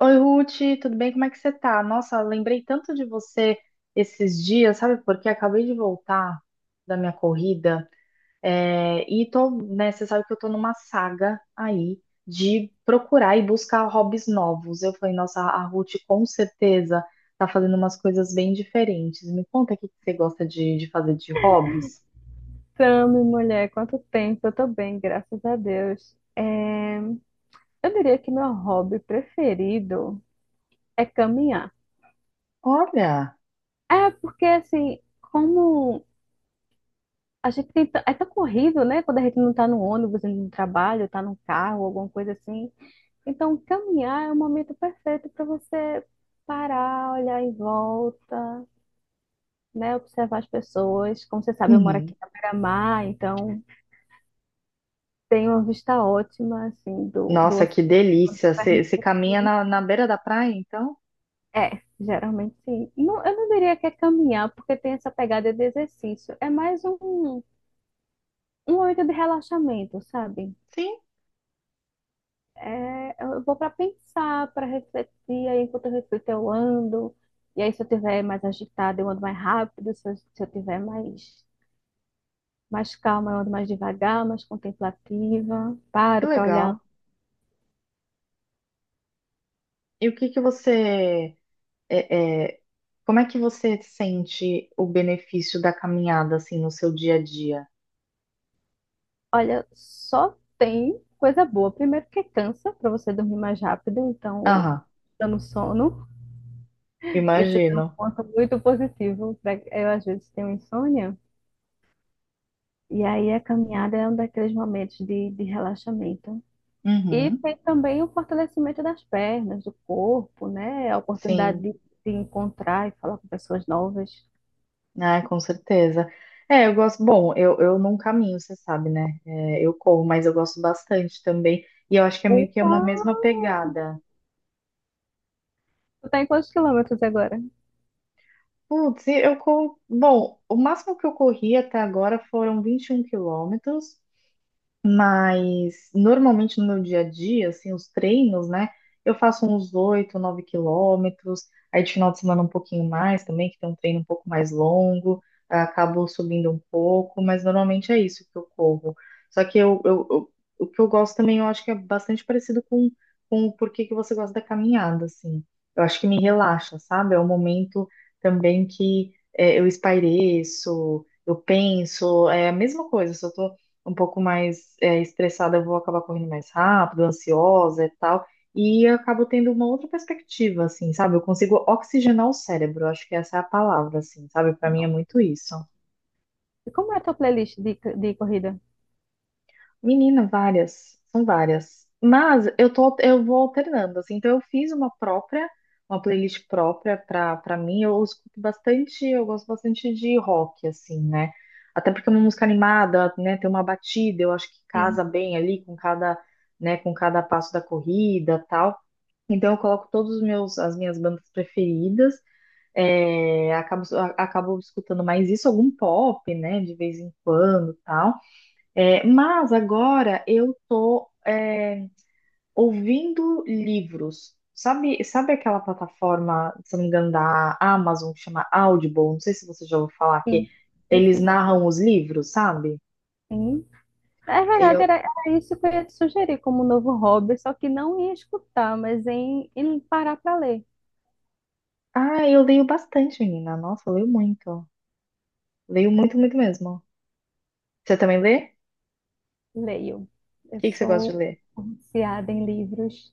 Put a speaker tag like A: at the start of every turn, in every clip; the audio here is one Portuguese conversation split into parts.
A: Oi, Ruth, tudo bem? Como é que você tá? Nossa, lembrei tanto de você esses dias, sabe? Porque acabei de voltar da minha corrida, é, e tô, né, você sabe que eu tô numa saga aí de procurar e buscar hobbies novos. Eu falei, nossa, a Ruth com certeza tá fazendo umas coisas bem diferentes. Me conta o que que você gosta de fazer de hobbies.
B: Tamo, mulher, quanto tempo? Eu tô bem, graças a Deus. Eu diria que meu hobby preferido é caminhar.
A: Olha!
B: É, porque assim, como a gente tem... t- é tão corrido, né? Quando a gente não tá no ônibus, indo no trabalho, tá no carro, alguma coisa assim. Então, caminhar é o momento perfeito para você parar, olhar em volta, né? Observar as pessoas. Como você sabe, eu moro
A: Uhum.
B: aqui na beira-mar, então tem uma vista ótima, assim, do
A: Nossa, que
B: oceano
A: delícia!
B: pra
A: Você caminha
B: gente.
A: na beira da praia, então?
B: É, geralmente sim. Não, eu não diria que é caminhar, porque tem essa pegada de exercício. É mais um momento de relaxamento, sabe?
A: Sim,
B: É, eu vou para pensar, para refletir, aí enquanto eu reflito eu ando, e aí se eu tiver mais agitada eu ando mais rápido, se eu tiver mais calma eu ando mais devagar, mais contemplativa,
A: que
B: paro para olhar.
A: legal. E o que que você é, é, como é que você sente o benefício da caminhada assim no seu dia a dia?
B: Olha, só tem coisa boa. Primeiro que cansa, para você dormir mais rápido, então
A: Aham,
B: dando sono. Isso é um
A: imagino.
B: ponto muito positivo. Eu, às vezes, tenho insônia, e aí a caminhada é um daqueles momentos de relaxamento. E
A: Uhum,
B: tem também o fortalecimento das pernas, do corpo, né? A oportunidade
A: sim,
B: de se encontrar e falar com pessoas novas.
A: ah, com certeza. É, eu gosto. Bom, eu não caminho, você sabe, né? É, eu corro, mas eu gosto bastante também. E eu acho que é meio que é uma mesma
B: Uau!
A: pegada.
B: Tu tá em quantos quilômetros agora?
A: Putz, e eu corro. Bom, o máximo que eu corri até agora foram 21 quilômetros. Mas normalmente no meu dia a dia, assim, os treinos, né? Eu faço uns 8, 9 quilômetros, aí de final de semana um pouquinho mais também, que tem um treino um pouco mais longo, ah, acabo subindo um pouco, mas normalmente é isso que eu corro. Só que o que eu gosto também, eu acho que é bastante parecido com o porquê que você gosta da caminhada, assim. Eu acho que me relaxa, sabe? É um momento também que eu espaireço, eu penso, é a mesma coisa, só tô um pouco mais estressada, eu vou acabar correndo mais rápido, ansiosa e tal. E eu acabo tendo uma outra perspectiva, assim, sabe? Eu consigo oxigenar o cérebro, eu acho que essa é a palavra, assim, sabe? Para mim é
B: Não.
A: muito isso.
B: E como é a tua playlist de corrida?
A: Menina, várias, são várias. Mas eu tô, eu vou alternando, assim. Então eu fiz uma própria, uma playlist própria pra para mim. Eu escuto bastante, eu gosto bastante de rock, assim, né? Até porque é uma música animada, né? Tem uma batida, eu acho que
B: Sim,
A: casa bem ali com cada, né? Com cada passo da corrida, tal. Então eu coloco todos os meus, as minhas bandas preferidas. É, acabo, acabo escutando mais isso, algum pop, né? De vez em quando, tal. Mas agora eu tô ouvindo livros. Sabe aquela plataforma, se não me engano, da Amazon, que chama Audible? Não sei se você já ouviu falar que
B: sim,
A: eles
B: sim,
A: narram os livros, sabe?
B: sim. É verdade,
A: Eu,
B: era isso que eu ia te sugerir como novo hobby, só que não em escutar, mas em parar para ler.
A: ah, eu leio bastante, menina. Nossa, eu leio muito. Leio muito, muito mesmo. Você também lê?
B: Leio.
A: O
B: Eu
A: que que você gosta de
B: sou
A: ler?
B: viciada em livros.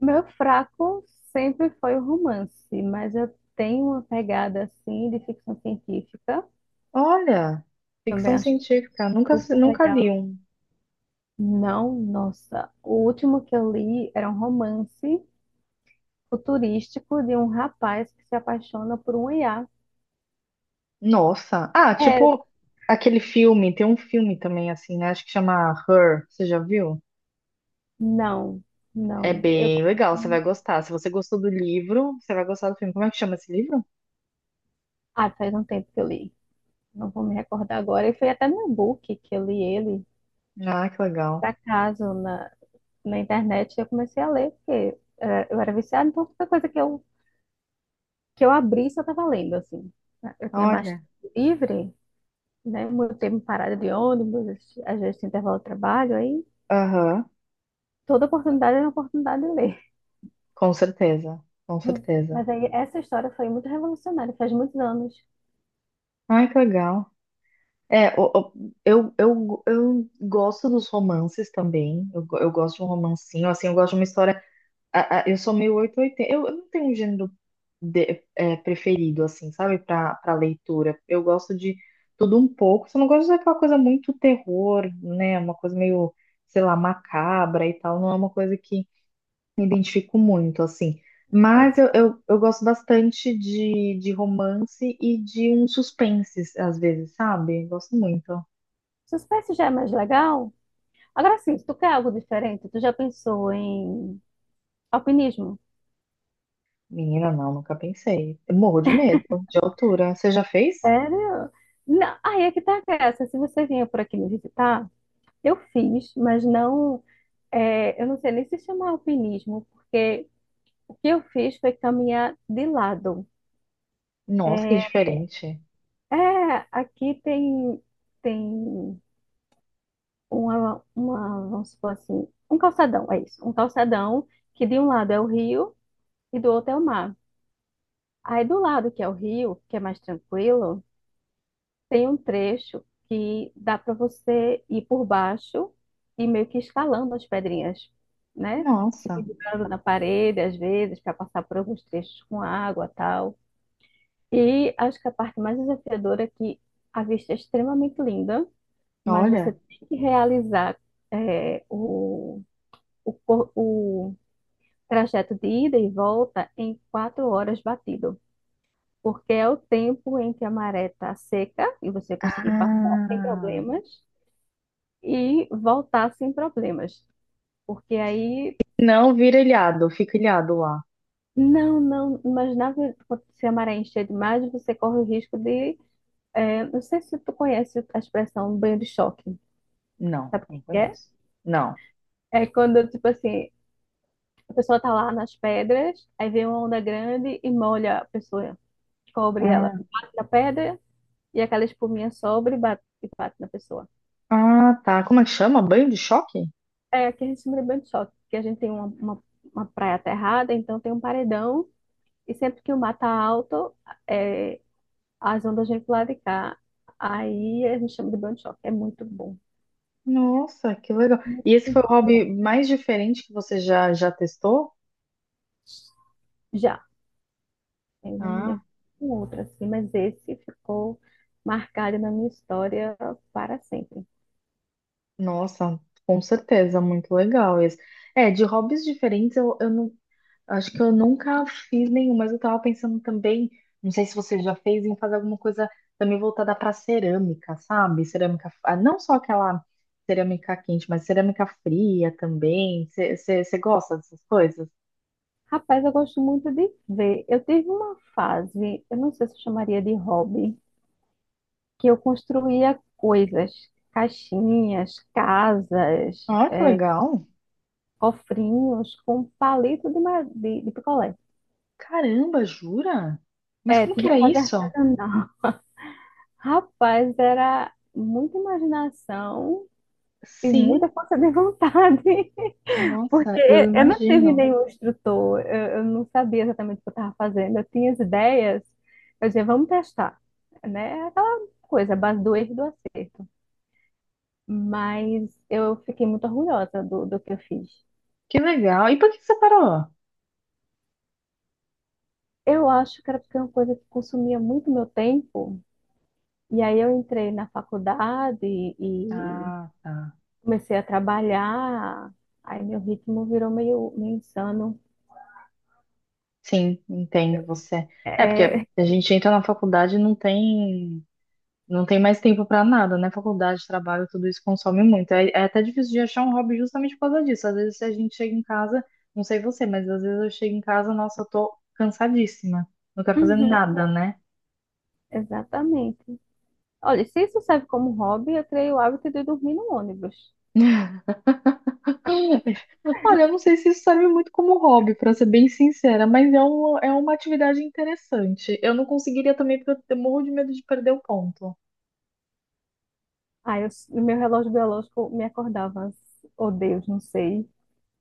B: Meu fraco sempre foi o romance, mas eu tenho uma pegada assim de ficção científica.
A: Olha,
B: Também
A: ficção
B: acho
A: científica. Nunca,
B: super
A: nunca
B: legal.
A: li um.
B: Não, nossa. O último que eu li era um romance futurístico de um rapaz que se apaixona por um IA.
A: Nossa. Ah,
B: É,
A: tipo aquele filme, tem um filme também assim, né? Acho que chama Her, você já viu?
B: não,
A: É
B: não.
A: bem legal, você vai gostar. Se você gostou do livro, você vai gostar do filme. Como é que chama esse livro?
B: Faz um tempo que eu li. Não vou me recordar agora. E foi até no book que eu li ele,
A: Ah, que legal.
B: por acaso, na internet, eu comecei a ler, porque eu era viciada, então qualquer coisa que eu abrisse, eu estava lendo, assim. Eu tinha mais
A: Olha.
B: tempo livre, né? Meu tempo parado de ônibus, às vezes tinha intervalo de trabalho, aí
A: Aham,
B: toda oportunidade era uma oportunidade de ler.
A: com certeza, com certeza.
B: Mas aí essa história foi muito revolucionária, faz muitos anos.
A: Ai, que legal. É, o- o- eu gosto dos romances também. Eu gosto de um romancinho, assim, eu gosto de uma história eu sou meio 8 ou 80. Eu não tenho um gênero preferido, assim, sabe, para leitura. Eu gosto de tudo um pouco. Só não gosto daquela coisa muito terror, né? Uma coisa meio, sei lá, macabra e tal. Não é uma coisa que me identifico muito, assim.
B: O
A: Mas eu gosto bastante de romance e de um suspense, às vezes, sabe? Gosto muito.
B: suspense já é mais legal. Agora sim, se tu quer algo diferente, tu já pensou em alpinismo?
A: Menina, não, nunca pensei. Eu morro de medo de altura. Você já fez?
B: Sério? Não, aí é que tá essa. Se você vinha por aqui me visitar, eu fiz, mas não, é, eu não sei nem se chama alpinismo, porque o que eu fiz foi caminhar de lado.
A: Nossa, que
B: É,
A: diferente.
B: é, aqui tem vamos supor assim, um calçadão, é isso, um calçadão que de um lado é o rio e do outro é o mar. Aí do lado que é o rio, que é mais tranquilo, tem um trecho que dá para você ir por baixo e meio que escalando as pedrinhas, né? Se
A: Nossa.
B: pendurando na parede, às vezes, para passar por alguns trechos com água tal. E acho que a parte mais desafiadora é que a vista é extremamente linda, mas você
A: Olha.
B: tem que realizar é, o, o trajeto de ida e volta em quatro horas batido. Porque é o tempo em que a maré está seca e você conseguir passar sem
A: Ah.
B: problemas, e voltar sem problemas. Porque aí,
A: Não vira ilhado, fica ilhado lá.
B: não, não, mas quando se a maré encher demais, você corre o risco de. Não sei se tu conhece a expressão banho de choque.
A: Não,
B: Sabe o que
A: não
B: que é?
A: conheço. Não.
B: É quando, tipo assim, a pessoa tá lá nas pedras, aí vem uma onda grande e molha a pessoa, cobre ela,
A: Ah,
B: bate na pedra e aquela espuminha sobre e bate na pessoa.
A: ah, tá. Como é que chama? Banho de choque?
B: É, aqui a gente chama de banho de choque, porque a gente tem uma praia aterrada, então tem um paredão. E sempre que o mar tá alto, é, as ondas vêm pro lado de cá. Aí a gente chama de banho de choque. É muito bom.
A: Nossa, que legal.
B: Muito
A: E esse foi o hobby
B: bom.
A: mais diferente que você já, já testou?
B: Já, eu não me
A: Ah,
B: lembro de outro assim, mas esse ficou marcado na minha história para sempre.
A: nossa, com certeza, muito legal esse. É, de hobbies diferentes eu não acho que eu nunca fiz nenhum, mas eu tava pensando também, não sei se você já fez, em fazer alguma coisa também voltada para cerâmica, sabe? Cerâmica, ah, não só aquela cerâmica quente, mas cerâmica fria também. Você gosta dessas coisas?
B: Rapaz, eu gosto muito de ver. Eu tive uma fase, eu não sei se eu chamaria de hobby, que eu construía coisas, caixinhas, casas,
A: Ah, que legal!
B: cofrinhos com palito de picolé.
A: Caramba, jura? Mas
B: É,
A: como que
B: tive que
A: era
B: fazer
A: isso?
B: artesanal. Rapaz, era muita imaginação e
A: Sim,
B: muita força de vontade, porque
A: nossa, eu
B: eu não tive
A: imagino.
B: nenhum instrutor, eu não sabia exatamente o que eu estava fazendo, eu tinha as ideias, eu dizia, vamos testar, né? Aquela coisa, a base do erro e do acerto. Mas eu fiquei muito orgulhosa do que eu fiz.
A: Que legal. E por que você parou?
B: Eu acho que era porque é uma coisa que consumia muito meu tempo, e aí eu entrei na faculdade e
A: Ah, tá.
B: comecei a trabalhar, aí meu ritmo virou meio insano.
A: Sim, entendo você. É porque
B: É,
A: a gente entra na faculdade e não tem. Não tem mais tempo pra nada, né? Faculdade, trabalho, tudo isso consome muito. É, é até difícil de achar um hobby justamente por causa disso. Às vezes, se a gente chega em casa, não sei você, mas às vezes eu chego em casa, nossa, eu tô cansadíssima. Não quero fazer
B: uhum,
A: nada, né?
B: exatamente. Olha, se isso serve como hobby, eu criei o hábito de dormir no ônibus.
A: Olha, eu não sei se isso serve muito como hobby, pra ser bem sincera, mas é uma atividade interessante. Eu não conseguiria também, porque eu morro de medo de perder o ponto.
B: Aí eu, meu relógio biológico me acordava, oh Deus, não sei,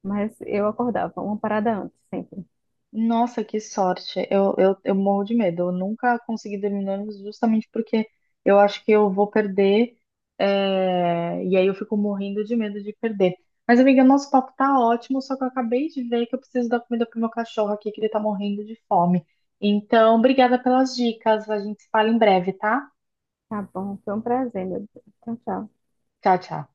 B: mas eu acordava uma parada antes sempre.
A: Nossa, que sorte. Eu morro de medo. Eu nunca consegui dormir no ônibus justamente porque eu acho que eu vou perder. E aí eu fico morrendo de medo de perder. Mas, amiga, nosso papo tá ótimo, só que eu acabei de ver que eu preciso dar comida pro meu cachorro aqui, que ele tá morrendo de fome. Então, obrigada pelas dicas. A gente se fala em breve, tá?
B: Tá bom, foi um prazer, meu Deus. Tchau, tchau.
A: Tchau, tchau.